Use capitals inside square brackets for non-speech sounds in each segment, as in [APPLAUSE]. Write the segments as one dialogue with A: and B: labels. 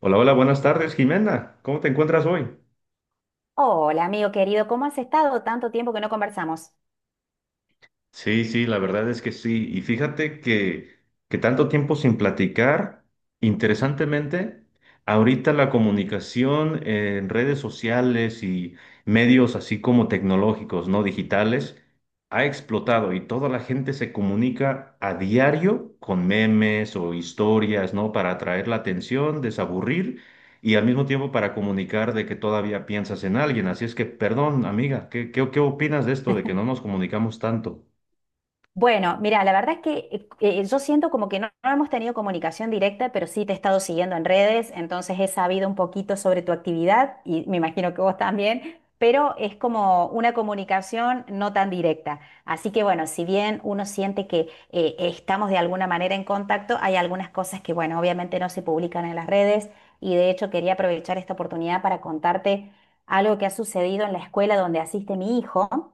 A: Hola, hola, buenas tardes, Jimena. ¿Cómo te encuentras hoy?
B: Hola, amigo querido, ¿cómo has estado? Tanto tiempo que no conversamos.
A: Sí, sí, la verdad es que sí. Y fíjate que tanto tiempo sin platicar, interesantemente, ahorita la comunicación en redes sociales y medios así como tecnológicos, no digitales, ha explotado y toda la gente se comunica a diario con memes o historias, ¿no? Para atraer la atención, desaburrir y al mismo tiempo para comunicar de que todavía piensas en alguien. Así es que, perdón, amiga, ¿qué opinas de esto de que no nos comunicamos tanto?
B: Bueno, mira, la verdad es que yo siento como que no hemos tenido comunicación directa, pero sí te he estado siguiendo en redes, entonces he sabido un poquito sobre tu actividad y me imagino que vos también, pero es como una comunicación no tan directa. Así que bueno, si bien uno siente que estamos de alguna manera en contacto, hay algunas cosas que bueno, obviamente no se publican en las redes y de hecho quería aprovechar esta oportunidad para contarte algo que ha sucedido en la escuela donde asiste mi hijo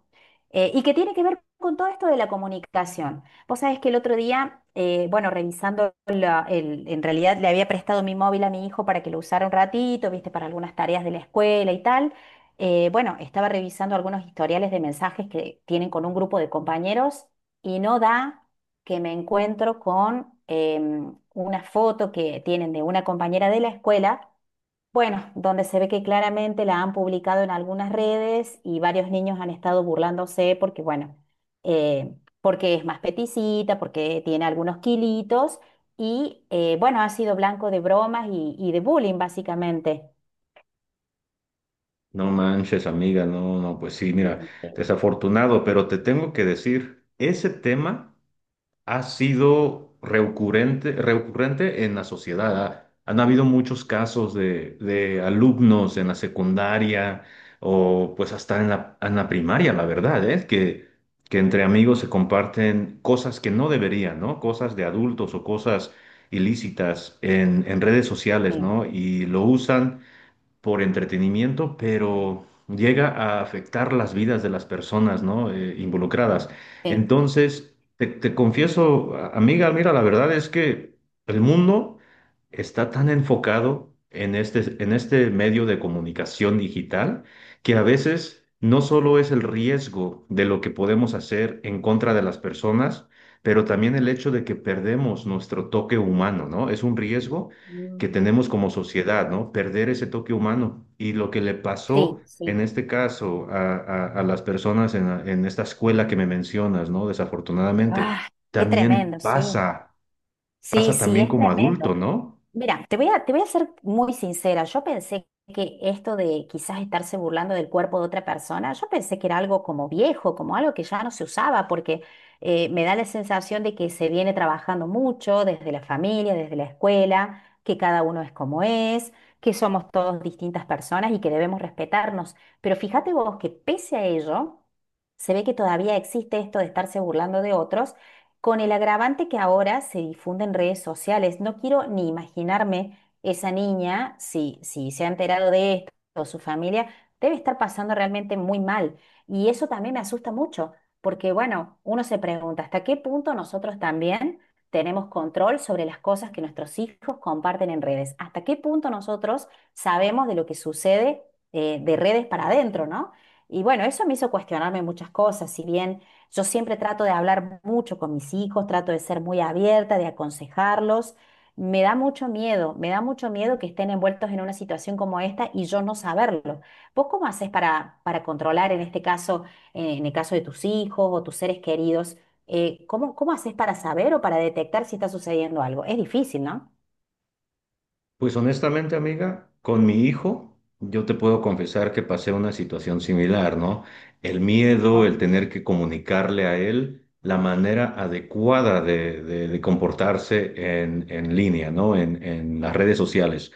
B: y que tiene que ver con todo esto de la comunicación. Vos sabés que el otro día, bueno, revisando, en realidad le había prestado mi móvil a mi hijo para que lo usara un ratito, viste, para algunas tareas de la escuela y tal. Bueno, estaba revisando algunos historiales de mensajes que tienen con un grupo de compañeros y no da que me encuentro con una foto que tienen de una compañera de la escuela, bueno, donde se ve que claramente la han publicado en algunas redes y varios niños han estado burlándose porque, bueno, eh, porque es más peticita, porque tiene algunos kilitos y, bueno, ha sido blanco de bromas y de bullying, básicamente.
A: No manches, amiga, no, no, pues sí, mira,
B: Mm, sí,
A: desafortunado, pero te tengo que decir, ese tema ha sido recurrente, recurrente en la sociedad. Han habido muchos casos de alumnos en la secundaria o pues hasta en la primaria, la verdad, es que entre amigos se comparten cosas que no deberían, ¿no? Cosas de adultos o cosas ilícitas en redes sociales,
B: sí,
A: ¿no? Y lo usan por entretenimiento, pero llega a afectar las vidas de las personas, ¿no? Involucradas.
B: sí.
A: Entonces, te confieso, amiga, mira, la verdad es que el mundo está tan enfocado en este medio de comunicación digital que a veces no solo es el riesgo de lo que podemos hacer en contra de las personas, pero también el hecho de que perdemos nuestro toque humano, ¿no? Es un riesgo que
B: Mm,
A: tenemos como sociedad, ¿no? Perder ese toque humano. Y lo que le pasó
B: sí, sí.
A: en este caso a, a las personas en, en esta escuela que me mencionas, ¿no? Desafortunadamente,
B: Ah, qué
A: también
B: tremendo, sí.
A: pasa,
B: Sí,
A: pasa
B: sí,
A: también
B: es
A: como
B: tremendo.
A: adulto, ¿no?
B: Mira, te voy a ser muy sincera. Yo pensé que esto de quizás estarse burlando del cuerpo de otra persona, yo pensé que era algo como viejo, como algo que ya no se usaba, porque me da la sensación de que se viene trabajando mucho desde la familia, desde la escuela, que cada uno es como es, que somos todos distintas personas y que debemos respetarnos. Pero fíjate vos que pese a ello, se ve que todavía existe esto de estarse burlando de otros con el agravante que ahora se difunde en redes sociales. No quiero ni imaginarme esa niña, si se ha enterado de esto o su familia, debe estar pasando realmente muy mal. Y eso también me asusta mucho, porque bueno, uno se pregunta, ¿hasta qué punto nosotros también tenemos control sobre las cosas que nuestros hijos comparten en redes? ¿Hasta qué punto nosotros sabemos de lo que sucede, de redes para adentro, ¿no? Y bueno, eso me hizo cuestionarme muchas cosas, si bien... Yo siempre trato de hablar mucho con mis hijos, trato de ser muy abierta, de aconsejarlos. Me da mucho miedo, me da mucho miedo que estén envueltos en una situación como esta y yo no saberlo. ¿Vos cómo haces para controlar en este caso, en el caso de tus hijos o tus seres queridos, cómo haces para saber o para detectar si está sucediendo algo? Es difícil, ¿no?
A: Pues honestamente, amiga, con mi hijo, yo te puedo confesar que pasé una situación similar, ¿no? El miedo,
B: Ah,
A: el tener que comunicarle a él. La manera adecuada de, de comportarse en línea, ¿no? En las redes sociales.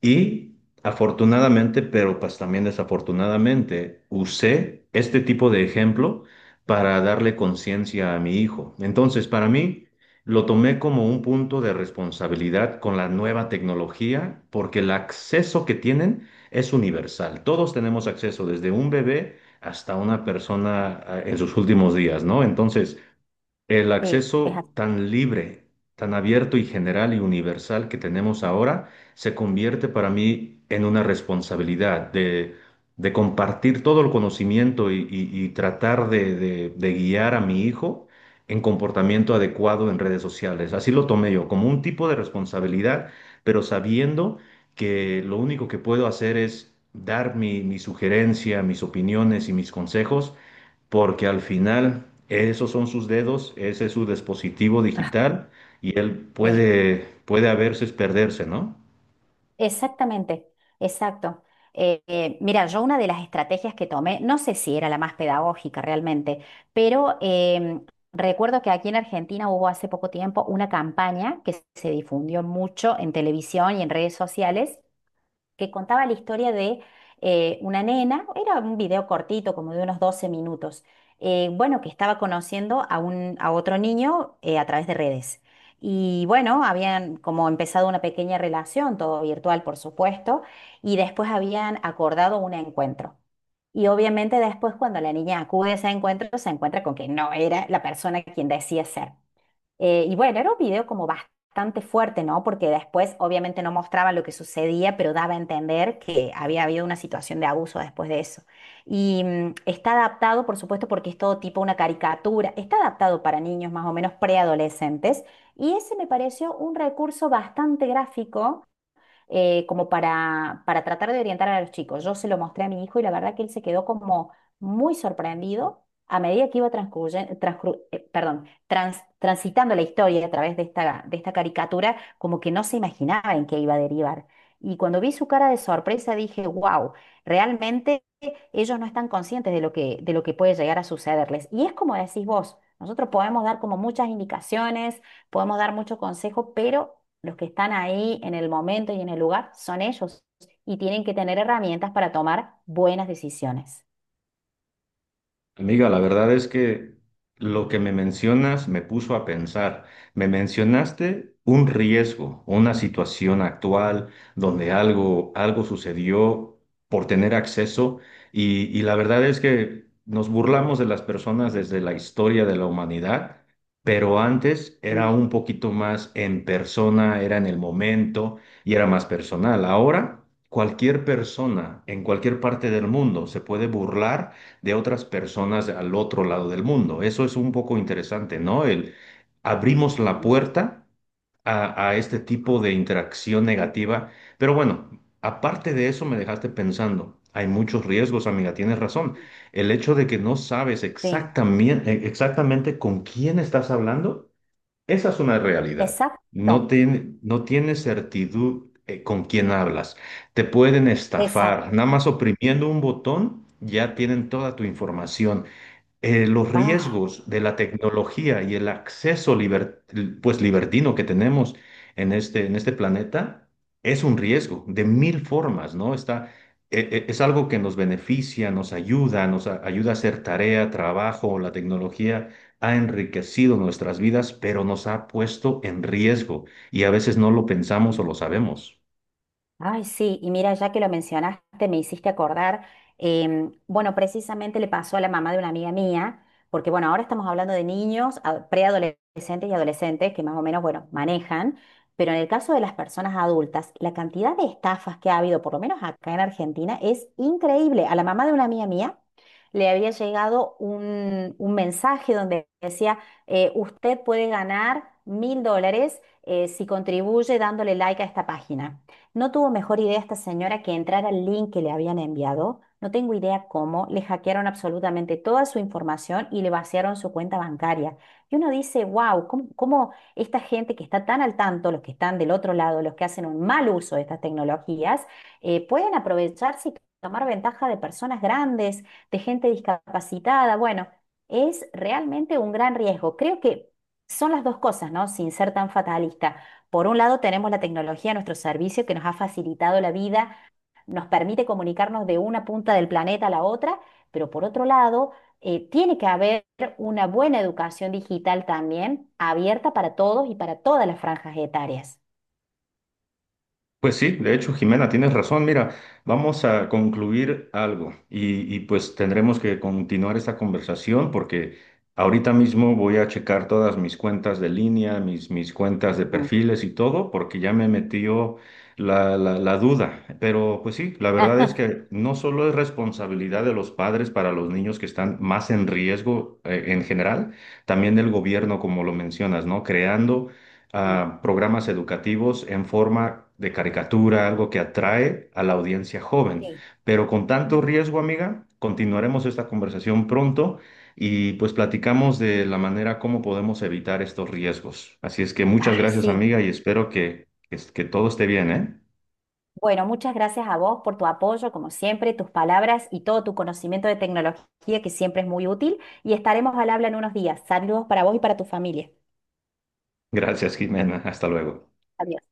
A: Y afortunadamente, pero pues también desafortunadamente, usé este tipo de ejemplo para darle conciencia a mi hijo. Entonces, para mí, lo tomé como un punto de responsabilidad con la nueva tecnología, porque el acceso que tienen es universal. Todos tenemos acceso, desde un bebé hasta una persona ah, en sus últimos días, ¿no? Entonces, el
B: sí, es
A: acceso
B: así.
A: tan libre, tan abierto y general y universal que tenemos ahora se convierte para mí en una responsabilidad de compartir todo el conocimiento y, y tratar de, de guiar a mi hijo en comportamiento adecuado en redes sociales. Así lo tomé yo, como un tipo de responsabilidad, pero sabiendo que lo único que puedo hacer es dar mi sugerencia, mis opiniones y mis consejos porque al final esos son sus dedos, ese es su dispositivo
B: Ah,
A: digital y él
B: sí.
A: puede, puede a veces perderse, ¿no?
B: Exactamente, exacto. Mira, yo una de las estrategias que tomé, no sé si era la más pedagógica realmente, pero recuerdo que aquí en Argentina hubo hace poco tiempo una campaña que se difundió mucho en televisión y en redes sociales que contaba la historia de una nena, era un video cortito, como de unos 12 minutos, bueno, que estaba conociendo a otro niño a través de redes. Y bueno, habían como empezado una pequeña relación, todo virtual, por supuesto, y después habían acordado un encuentro. Y obviamente después cuando la niña acude a ese encuentro, se encuentra con que no era la persona quien decía ser. Y bueno, era un video como bastante fuerte, ¿no? Porque después obviamente no mostraba lo que sucedía, pero daba a entender que había habido una situación de abuso después de eso. Y mm, está adaptado, por supuesto, porque es todo tipo una caricatura, está adaptado para niños más o menos preadolescentes. Y ese me pareció un recurso bastante gráfico, para tratar de orientar a los chicos. Yo se lo mostré a mi hijo y la verdad que él se quedó como muy sorprendido a medida que iba transitando la historia a través de de esta caricatura, como que no se imaginaba en qué iba a derivar. Y cuando vi su cara de sorpresa dije, wow, realmente ellos no están conscientes de de lo que puede llegar a sucederles. Y es como decís vos, nosotros podemos dar como muchas indicaciones, podemos dar mucho consejo, pero los que están ahí en el momento y en el lugar son ellos y tienen que tener herramientas para tomar buenas decisiones.
A: Amiga, la verdad es que lo que me mencionas me puso a pensar. Me mencionaste un riesgo, una situación actual donde algo, algo sucedió por tener acceso y la verdad es que nos burlamos de las personas desde la historia de la humanidad, pero antes era
B: Mm,
A: un poquito más en persona, era en el momento y era más personal. Ahora, cualquier persona en cualquier parte del mundo se puede burlar de otras personas al otro lado del mundo. Eso es un poco interesante, ¿no? El, abrimos la
B: mm,
A: puerta a este tipo de interacción negativa. Pero bueno, aparte de eso me dejaste pensando. Hay muchos riesgos, amiga, tienes razón.
B: mm.
A: El hecho de que no sabes
B: Sí,
A: exactamente, exactamente con quién estás hablando esa es una realidad.
B: exacto,
A: No, no tienes certidumbre con quién hablas. Te pueden estafar.
B: exacto.
A: Nada más oprimiendo un botón, ya tienen toda tu información los
B: Ah.
A: riesgos de la tecnología y el acceso pues libertino que tenemos en este planeta es un riesgo de mil formas, ¿no? Está, es algo que nos beneficia, nos ayuda, ayuda a hacer tarea, trabajo, la tecnología ha enriquecido nuestras vidas, pero nos ha puesto en riesgo y a veces no lo pensamos o lo sabemos.
B: Ay, sí, y mira, ya que lo mencionaste, me hiciste acordar, bueno, precisamente le pasó a la mamá de una amiga mía, porque bueno, ahora estamos hablando de niños, preadolescentes y adolescentes que más o menos, bueno, manejan, pero en el caso de las personas adultas, la cantidad de estafas que ha habido, por lo menos acá en Argentina, es increíble. A la mamá de una amiga mía le había llegado un mensaje donde decía, usted puede ganar 1.000 dólares si contribuye dándole like a esta página. No tuvo mejor idea esta señora que entrar al link que le habían enviado. No tengo idea cómo. Le hackearon absolutamente toda su información y le vaciaron su cuenta bancaria. Y uno dice, wow, ¿cómo esta gente que está tan al tanto, los que están del otro lado, los que hacen un mal uso de estas tecnologías, pueden aprovecharse y tomar ventaja de personas grandes, de gente discapacitada? Bueno, es realmente un gran riesgo. Creo que son las dos cosas, ¿no? Sin ser tan fatalista, por un lado, tenemos la tecnología a nuestro servicio que nos ha facilitado la vida, nos permite comunicarnos de una punta del planeta a la otra, pero por otro lado, tiene que haber una buena educación digital también, abierta para todos y para todas las franjas etarias.
A: Pues sí, de hecho, Jimena, tienes razón. Mira, vamos a concluir algo y, pues tendremos que continuar esta conversación porque ahorita mismo voy a checar todas mis cuentas de línea, mis cuentas de
B: Mm.
A: perfiles y todo, porque ya me metió la duda. Pero pues sí, la verdad es que
B: [LAUGHS]
A: no solo es responsabilidad de los padres para los niños que están más en riesgo en general, también del gobierno, como lo mencionas, ¿no? Creando
B: Sí,
A: a programas educativos en forma de caricatura, algo que atrae a la audiencia joven.
B: sí.
A: Pero con tanto riesgo, amiga, continuaremos esta conversación pronto y pues platicamos de la manera como podemos evitar estos riesgos. Así es que muchas
B: Ay,
A: gracias,
B: sí.
A: amiga, y espero que todo esté bien, ¿eh?
B: Bueno, muchas gracias a vos por tu apoyo, como siempre, tus palabras y todo tu conocimiento de tecnología, que siempre es muy útil, y estaremos al habla en unos días. Saludos para vos y para tu familia.
A: Gracias, Jimena. Hasta luego.
B: Adiós.